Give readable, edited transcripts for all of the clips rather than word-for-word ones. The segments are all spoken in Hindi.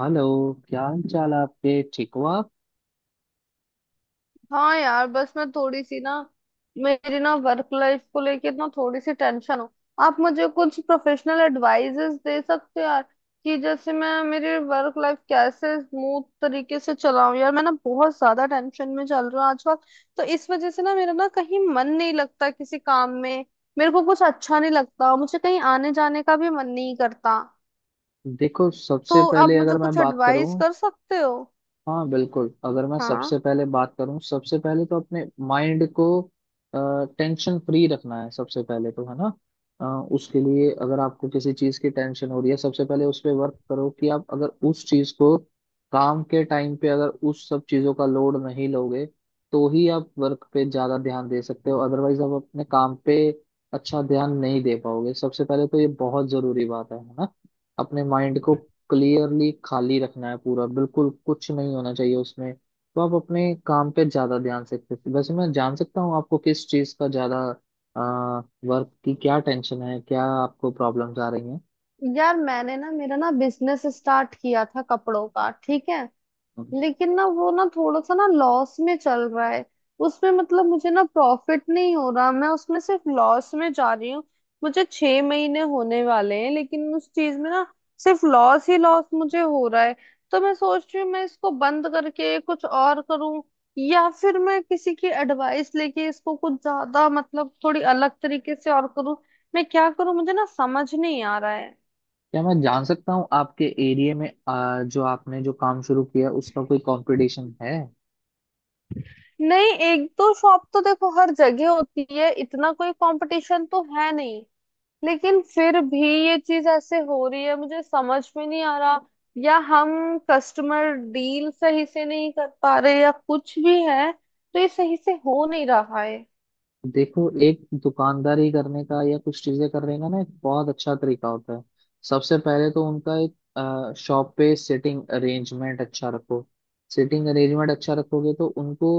हेलो। क्या हाल चाल है आपके, ठीक हो आप? हाँ यार, बस मैं थोड़ी सी ना, मेरी ना वर्क लाइफ को लेके ना थोड़ी सी टेंशन हो। आप मुझे कुछ प्रोफेशनल एडवाइजेस दे सकते हो यार? कि जैसे मैं मेरी वर्क लाइफ कैसे स्मूथ तरीके से चलाऊं। यार मैं ना बहुत ज्यादा टेंशन में चल रहा हूँ आजकल, तो इस वजह से ना मेरा ना कहीं मन नहीं लगता किसी काम में। मेरे को कुछ अच्छा नहीं लगता, मुझे कहीं आने जाने का भी मन नहीं करता। देखो, सबसे तो आप पहले मुझे अगर मैं कुछ बात एडवाइस करूं, कर सकते हो? हाँ बिल्कुल, अगर मैं हाँ, सबसे पहले बात करूँ, सबसे पहले तो अपने माइंड को टेंशन फ्री रखना है। सबसे पहले तो है ना। अ, उसके लिए अगर आपको किसी चीज़ की टेंशन हो रही है, सबसे पहले उस पे वर्क करो कि आप अगर उस चीज़ को काम के टाइम पे अगर उस सब चीज़ों का लोड नहीं लोगे, तो ही आप वर्क पे ज़्यादा ध्यान दे सकते हो। अदरवाइज आप अपने काम पे अच्छा ध्यान नहीं दे पाओगे। सबसे पहले तो ये बहुत ज़रूरी बात है, है ना। अपने माइंड को क्लियरली खाली रखना है पूरा, बिल्कुल कुछ नहीं होना चाहिए उसमें, तो आप अपने काम पे ज्यादा ध्यान सकते हैं। वैसे मैं जान सकता हूँ, आपको किस चीज का ज्यादा वर्क की क्या टेंशन है? क्या आपको प्रॉब्लम्स आ रही हैं? यार मैंने ना मेरा ना बिजनेस स्टार्ट किया था कपड़ों का, ठीक है। लेकिन ना वो ना थोड़ा सा ना लॉस में चल रहा है। उसमें मतलब मुझे ना प्रॉफिट नहीं हो रहा, मैं उसमें सिर्फ लॉस में जा रही हूँ। मुझे 6 महीने होने वाले हैं, लेकिन उस चीज में ना सिर्फ लॉस ही लॉस मुझे हो रहा है। तो मैं सोच रही हूँ मैं इसको बंद करके कुछ और करूँ, या फिर मैं किसी की एडवाइस लेके इसको कुछ ज्यादा मतलब थोड़ी अलग तरीके से और करूँ। मैं क्या करूँ मुझे ना समझ नहीं आ रहा है। क्या मैं जान सकता हूँ आपके एरिया में जो आपने जो काम शुरू किया, उसका कोई कंपटीशन है? नहीं, एक दो शॉप तो देखो हर जगह होती है, इतना कोई कंपटीशन तो है नहीं। लेकिन फिर भी ये चीज ऐसे हो रही है, मुझे समझ में नहीं आ रहा। या हम कस्टमर डील सही से नहीं कर पा रहे, या कुछ भी है, तो ये सही से हो नहीं रहा है। देखो, एक दुकानदारी करने का या कुछ चीजें करने का ना एक बहुत अच्छा तरीका होता है। सबसे पहले तो उनका एक शॉप पे सिटिंग अरेंजमेंट अच्छा रखो। सिटिंग अरेंजमेंट अच्छा रखोगे तो उनको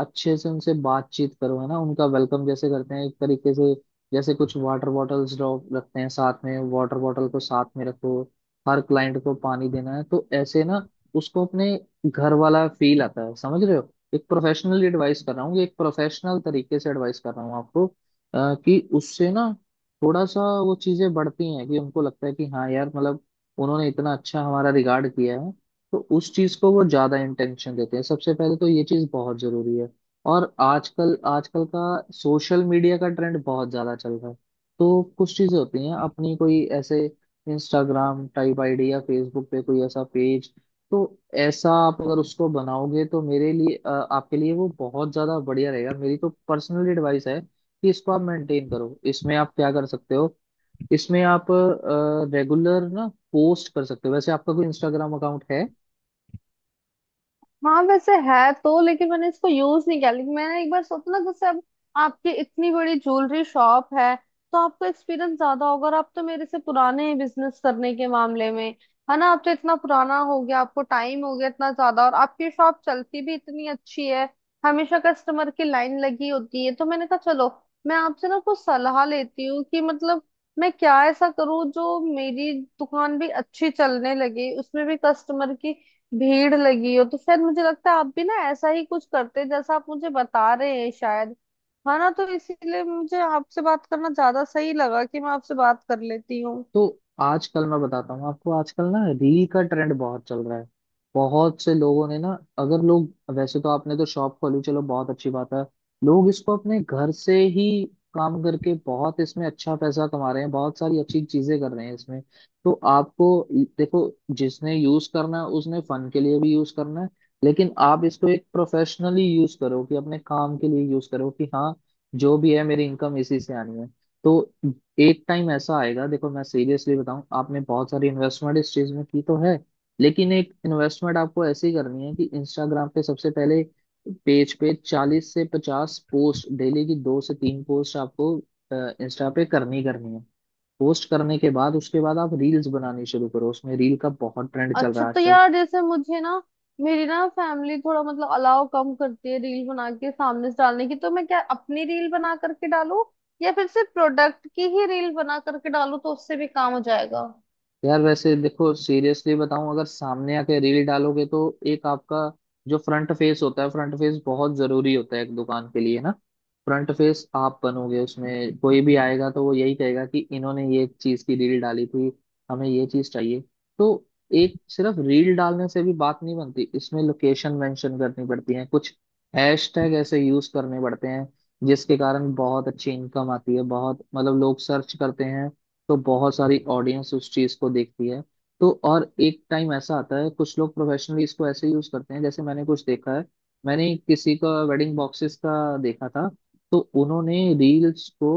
अच्छे से उनसे बातचीत करो, है ना। उनका वेलकम जैसे करते हैं एक तरीके से, जैसे कुछ वाटर बॉटल्स रखते हैं साथ में, वाटर बॉटल को साथ में रखो। हर क्लाइंट को पानी देना है, तो ऐसे ना उसको अपने घर वाला फील आता है, समझ रहे हो? एक प्रोफेशनली एडवाइस कर रहा हूँ, एक प्रोफेशनल तरीके से एडवाइस कर रहा हूँ आपको कि उससे ना थोड़ा सा वो चीजें बढ़ती हैं कि उनको लगता है कि हाँ यार, मतलब उन्होंने इतना अच्छा हमारा रिगार्ड किया है, तो उस चीज को वो ज्यादा इंटेंशन देते हैं। सबसे पहले तो ये चीज बहुत जरूरी है। और आजकल आजकल का सोशल मीडिया का ट्रेंड बहुत ज्यादा चल रहा है। तो कुछ चीजें होती हैं अपनी, कोई ऐसे इंस्टाग्राम टाइप आईडी या फेसबुक पे कोई ऐसा पेज, तो ऐसा आप अगर उसको बनाओगे तो मेरे लिए आपके लिए वो बहुत ज्यादा बढ़िया रहेगा। मेरी तो पर्सनल एडवाइस है कि इसको आप मेंटेन करो। इसमें आप क्या कर सकते हो, इसमें आप रेगुलर ना पोस्ट कर सकते हो। वैसे आपका कोई इंस्टाग्राम अकाउंट है? हाँ वैसे है तो, लेकिन मैंने इसको यूज नहीं किया। लेकिन मैंने एक बार सोचा ना, जैसे अब आपकी इतनी बड़ी ज्वेलरी शॉप है, तो आपको एक्सपीरियंस ज्यादा होगा, और आप तो मेरे से पुराने हैं बिजनेस करने के मामले में, है ना। आप तो इतना पुराना हो गया, आपको टाइम हो गया इतना ज्यादा, और आपकी शॉप चलती भी इतनी अच्छी है, हमेशा कस्टमर की लाइन लगी होती है। तो मैंने कहा चलो मैं आपसे ना कुछ सलाह लेती हूँ, कि मतलब मैं क्या ऐसा करूँ जो मेरी दुकान भी अच्छी चलने लगे, उसमें भी कस्टमर की भीड़ लगी हो। तो शायद मुझे लगता है आप भी ना ऐसा ही कुछ करते हैं, जैसा आप मुझे बता रहे हैं शायद, है ना। तो इसीलिए मुझे आपसे बात करना ज्यादा सही लगा कि मैं आपसे बात कर लेती हूँ। तो आजकल मैं बताता हूँ आपको, आजकल ना रील का ट्रेंड बहुत चल रहा है। बहुत से लोगों ने ना, अगर लोग, वैसे तो आपने तो शॉप खोली, चलो बहुत अच्छी बात है। लोग इसको अपने घर से ही काम करके बहुत इसमें अच्छा पैसा कमा रहे हैं, बहुत सारी अच्छी चीजें कर रहे हैं इसमें। तो आपको, देखो, जिसने यूज करना है उसने फन के लिए भी यूज करना है, लेकिन आप इसको एक प्रोफेशनली यूज करो, कि अपने काम के लिए यूज करो कि हाँ, जो भी है मेरी इनकम इसी से आनी है। तो एक टाइम ऐसा आएगा, देखो मैं सीरियसली बताऊं, आपने बहुत सारी इन्वेस्टमेंट इस चीज में की तो है, लेकिन एक इन्वेस्टमेंट आपको ऐसी करनी है कि इंस्टाग्राम पे सबसे पहले पेज पे 40 से 50 पोस्ट, डेली की 2 से 3 पोस्ट आपको इंस्टा पे करनी ही करनी है। पोस्ट करने के बाद, उसके बाद आप रील्स बनानी शुरू करो। उसमें रील का बहुत ट्रेंड चल रहा अच्छा, है तो आजकल। यार जैसे मुझे ना मेरी ना फैमिली थोड़ा मतलब अलाव कम करती है रील बना के सामने से डालने की। तो मैं क्या अपनी रील बना करके डालूं, या फिर सिर्फ प्रोडक्ट की ही रील बना करके डालूं तो उससे भी काम हो जाएगा? यार वैसे देखो सीरियसली बताऊं, अगर सामने आके रील डालोगे तो एक आपका जो फ्रंट फेस होता है, फ्रंट फेस बहुत जरूरी होता है एक दुकान के लिए ना। फ्रंट फेस आप बनोगे, उसमें कोई भी आएगा तो वो यही कहेगा कि इन्होंने ये चीज की रील डाली थी, हमें ये चीज चाहिए। तो एक सिर्फ रील डालने से भी बात नहीं बनती, इसमें लोकेशन मेंशन करनी पड़ती है, कुछ हैशटैग ऐसे यूज करने पड़ते हैं जिसके कारण बहुत अच्छी इनकम आती है। बहुत, मतलब लोग सर्च करते हैं, तो बहुत सारी ऑडियंस उस चीज को देखती है। तो और एक टाइम ऐसा आता है कुछ लोग प्रोफेशनली इसको ऐसे यूज करते हैं, जैसे मैंने कुछ देखा है, मैंने किसी का वेडिंग बॉक्सेस का देखा था। तो उन्होंने रील्स को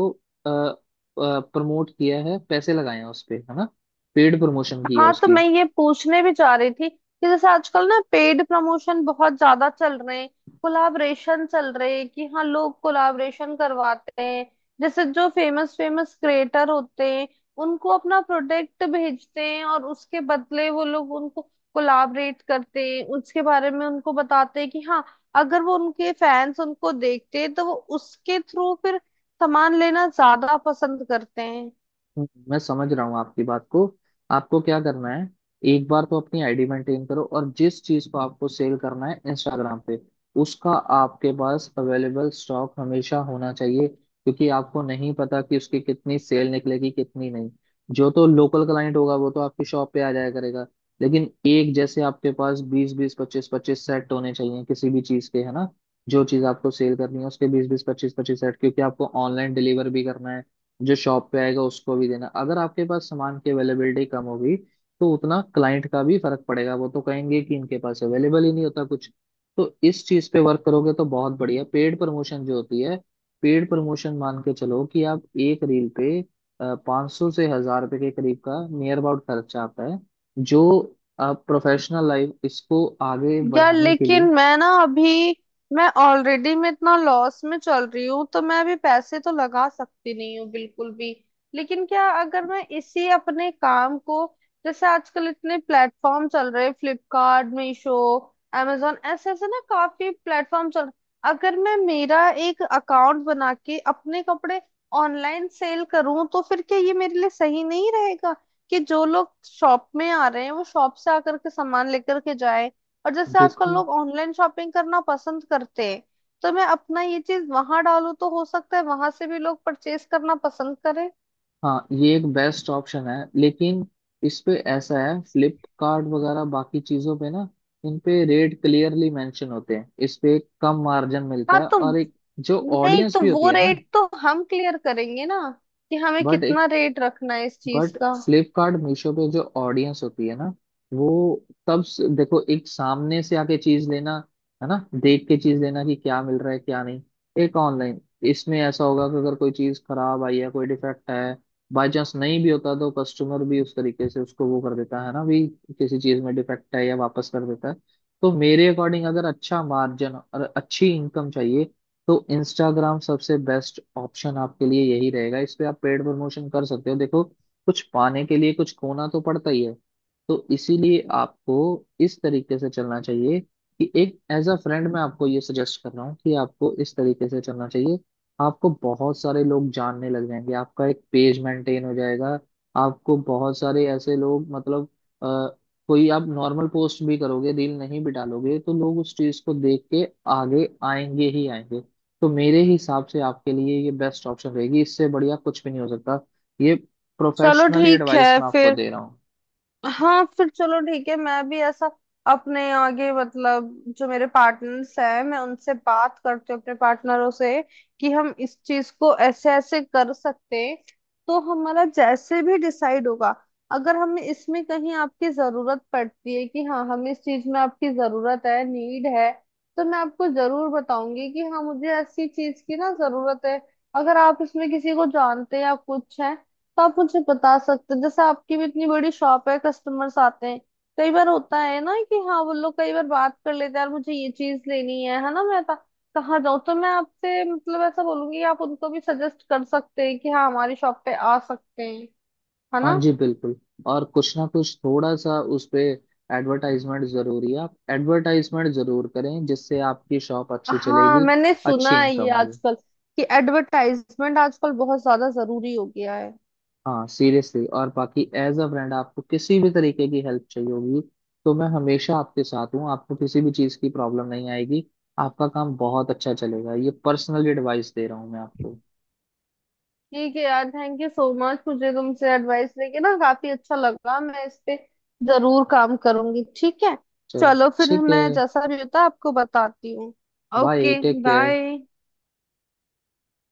प्रमोट किया है, पैसे लगाए हैं उस पे, है ना, पेड प्रमोशन किया है हाँ, तो उसकी। मैं ये पूछने भी चाह रही थी कि जैसे आजकल ना पेड प्रमोशन बहुत ज्यादा चल रहे हैं, कोलाबरेशन चल रहे हैं। कि हाँ, लोग कोलाबरेशन करवाते हैं, जैसे जो फेमस फेमस क्रिएटर होते हैं उनको अपना प्रोडक्ट भेजते हैं, और उसके बदले वो लोग उनको कोलाबरेट करते हैं, उसके बारे में उनको बताते हैं। कि हाँ, अगर वो उनके फैंस उनको देखते हैं तो वो उसके थ्रू फिर सामान लेना ज्यादा पसंद करते हैं। मैं समझ रहा हूँ आपकी बात को। आपको क्या करना है, एक बार तो अपनी आईडी मेंटेन करो, और जिस चीज को आपको सेल करना है इंस्टाग्राम पे, उसका आपके पास अवेलेबल स्टॉक हमेशा होना चाहिए, क्योंकि आपको नहीं पता कि उसकी कितनी सेल निकलेगी कितनी नहीं। जो तो लोकल क्लाइंट होगा वो तो आपकी शॉप पे आ जाया करेगा, लेकिन एक जैसे आपके पास बीस बीस, पच्चीस पच्चीस सेट होने चाहिए किसी भी चीज के, है ना। जो चीज आपको सेल करनी है उसके बीस बीस, पच्चीस पच्चीस सेट, क्योंकि आपको ऑनलाइन डिलीवर भी करना है, जो शॉप पे आएगा उसको भी देना। अगर आपके पास सामान की अवेलेबिलिटी कम होगी तो उतना क्लाइंट का भी फर्क पड़ेगा, वो तो कहेंगे कि इनके पास अवेलेबल ही नहीं होता कुछ। तो इस चीज पे वर्क करोगे तो बहुत बढ़िया। पेड प्रमोशन जो होती है, पेड प्रमोशन मान के चलो कि आप एक रील पे 500 से 1,000 रुपए के करीब का नियर अबाउट खर्चा आता है, जो आप प्रोफेशनल लाइफ इसको आगे यार बढ़ाने के लेकिन लिए। मैं ना अभी मैं ऑलरेडी मैं इतना लॉस में चल रही हूँ, तो मैं अभी पैसे तो लगा सकती नहीं हूँ बिल्कुल भी। लेकिन क्या अगर मैं इसी अपने काम को, जैसे आजकल इतने प्लेटफॉर्म चल रहे, फ्लिपकार्ट, मीशो, amazon, ऐसे ऐसे ना काफी प्लेटफॉर्म चल रहे। अगर मैं मेरा एक अकाउंट बना के अपने कपड़े ऑनलाइन सेल करूँ, तो फिर क्या ये मेरे लिए सही नहीं रहेगा? कि जो लोग शॉप में आ रहे हैं वो शॉप से आकर के सामान लेकर के जाए, और जैसे आजकल देखो, लोग ऑनलाइन शॉपिंग करना पसंद करते हैं, तो मैं अपना ये चीज वहां डालूं तो हो सकता है वहां से भी लोग परचेज करना पसंद करें। हाँ ये एक बेस्ट ऑप्शन है, लेकिन इस पे ऐसा है, फ्लिपकार्ट वगैरह बाकी चीजों पे ना, इन पे रेट क्लियरली मेंशन होते हैं, इस पे एक कम मार्जिन मिलता हाँ है, तो, और एक जो नहीं ऑडियंस तो भी होती वो है ना, रेट तो हम क्लियर करेंगे ना, कि हमें बट एक कितना रेट रखना है इस चीज बट का। फ्लिपकार्ट मीशो पे जो ऑडियंस होती है ना, वो, देखो एक सामने से आके चीज लेना, है ना, देख के चीज लेना कि क्या मिल रहा है क्या नहीं, एक ऑनलाइन इसमें ऐसा होगा कि अगर कोई चीज खराब आई है, कोई डिफेक्ट है, बाय चांस नहीं भी होता तो कस्टमर भी उस तरीके से उसको वो कर देता है, ना भी किसी चीज में डिफेक्ट है या वापस कर देता है। तो मेरे अकॉर्डिंग, अगर अच्छा मार्जिन और अच्छी इनकम चाहिए तो इंस्टाग्राम सबसे बेस्ट ऑप्शन आपके लिए यही रहेगा। इस पे आप पेड प्रमोशन कर सकते हो। देखो, कुछ पाने के लिए कुछ खोना तो पड़ता ही है, तो इसीलिए आपको इस तरीके से चलना चाहिए, कि एक एज अ फ्रेंड मैं आपको ये सजेस्ट कर रहा हूँ कि आपको इस तरीके से चलना चाहिए। आपको बहुत सारे लोग जानने लग जाएंगे, आपका एक पेज मेंटेन हो जाएगा, आपको बहुत सारे ऐसे लोग, मतलब अ, कोई आप नॉर्मल पोस्ट भी करोगे, रील नहीं भी डालोगे तो लोग उस चीज को देख के आगे आएंगे ही आएंगे। तो मेरे हिसाब से आपके लिए ये बेस्ट ऑप्शन रहेगी, इससे बढ़िया कुछ भी नहीं हो सकता। ये चलो प्रोफेशनली ठीक एडवाइस है मैं आपको फिर। दे रहा हूँ। हाँ फिर चलो ठीक है, मैं भी ऐसा अपने आगे मतलब जो मेरे पार्टनर्स हैं मैं उनसे बात करती हूँ, अपने पार्टनरों से, कि हम इस चीज को ऐसे ऐसे कर सकते हैं। तो हमारा जैसे भी डिसाइड होगा, अगर हमें इसमें कहीं आपकी जरूरत पड़ती है, कि हाँ हमें इस चीज में आपकी जरूरत है, नीड है, तो मैं आपको जरूर बताऊंगी कि हाँ मुझे ऐसी चीज की ना जरूरत है। अगर आप इसमें किसी को जानते हैं या कुछ है, तो आप मुझे बता सकते हैं। जैसे आपकी भी इतनी बड़ी शॉप है, कस्टमर्स आते हैं, कई बार होता है ना, कि हाँ वो लोग कई बार बात कर लेते हैं, यार मुझे ये चीज लेनी है ना, मैं कहाँ जाऊँ। तो मैं आपसे मतलब ऐसा बोलूंगी कि आप उनको भी सजेस्ट कर सकते हैं कि हाँ, हमारी शॉप पे आ सकते हैं, है हाँ ना। जी बिल्कुल। और कुछ ना कुछ थोड़ा सा उस पे एडवर्टाइजमेंट जरूरी है, आप एडवर्टाइजमेंट जरूर करें, जिससे आपकी शॉप अच्छी हाँ, चलेगी, मैंने अच्छी सुना है इनकम ये होगी। आजकल, कि एडवर्टाइजमेंट आजकल बहुत ज्यादा जरूरी हो गया है। हाँ सीरियसली, और बाकी एज अ ब्रांड आपको किसी भी तरीके की हेल्प चाहिए होगी तो मैं हमेशा आपके साथ हूँ, आपको किसी भी चीज़ की प्रॉब्लम नहीं आएगी, आपका काम बहुत अच्छा चलेगा। ये पर्सनल एडवाइस दे रहा हूँ मैं आपको। ठीक है यार, थैंक यू सो मच। मुझे तुमसे एडवाइस लेके ना काफी अच्छा लगा, मैं इस पे जरूर काम करूंगी, ठीक है। चलो, चलो फिर, ठीक है। मैं जैसा भी होता है आपको बताती हूँ। Bye, okay take care. Bye.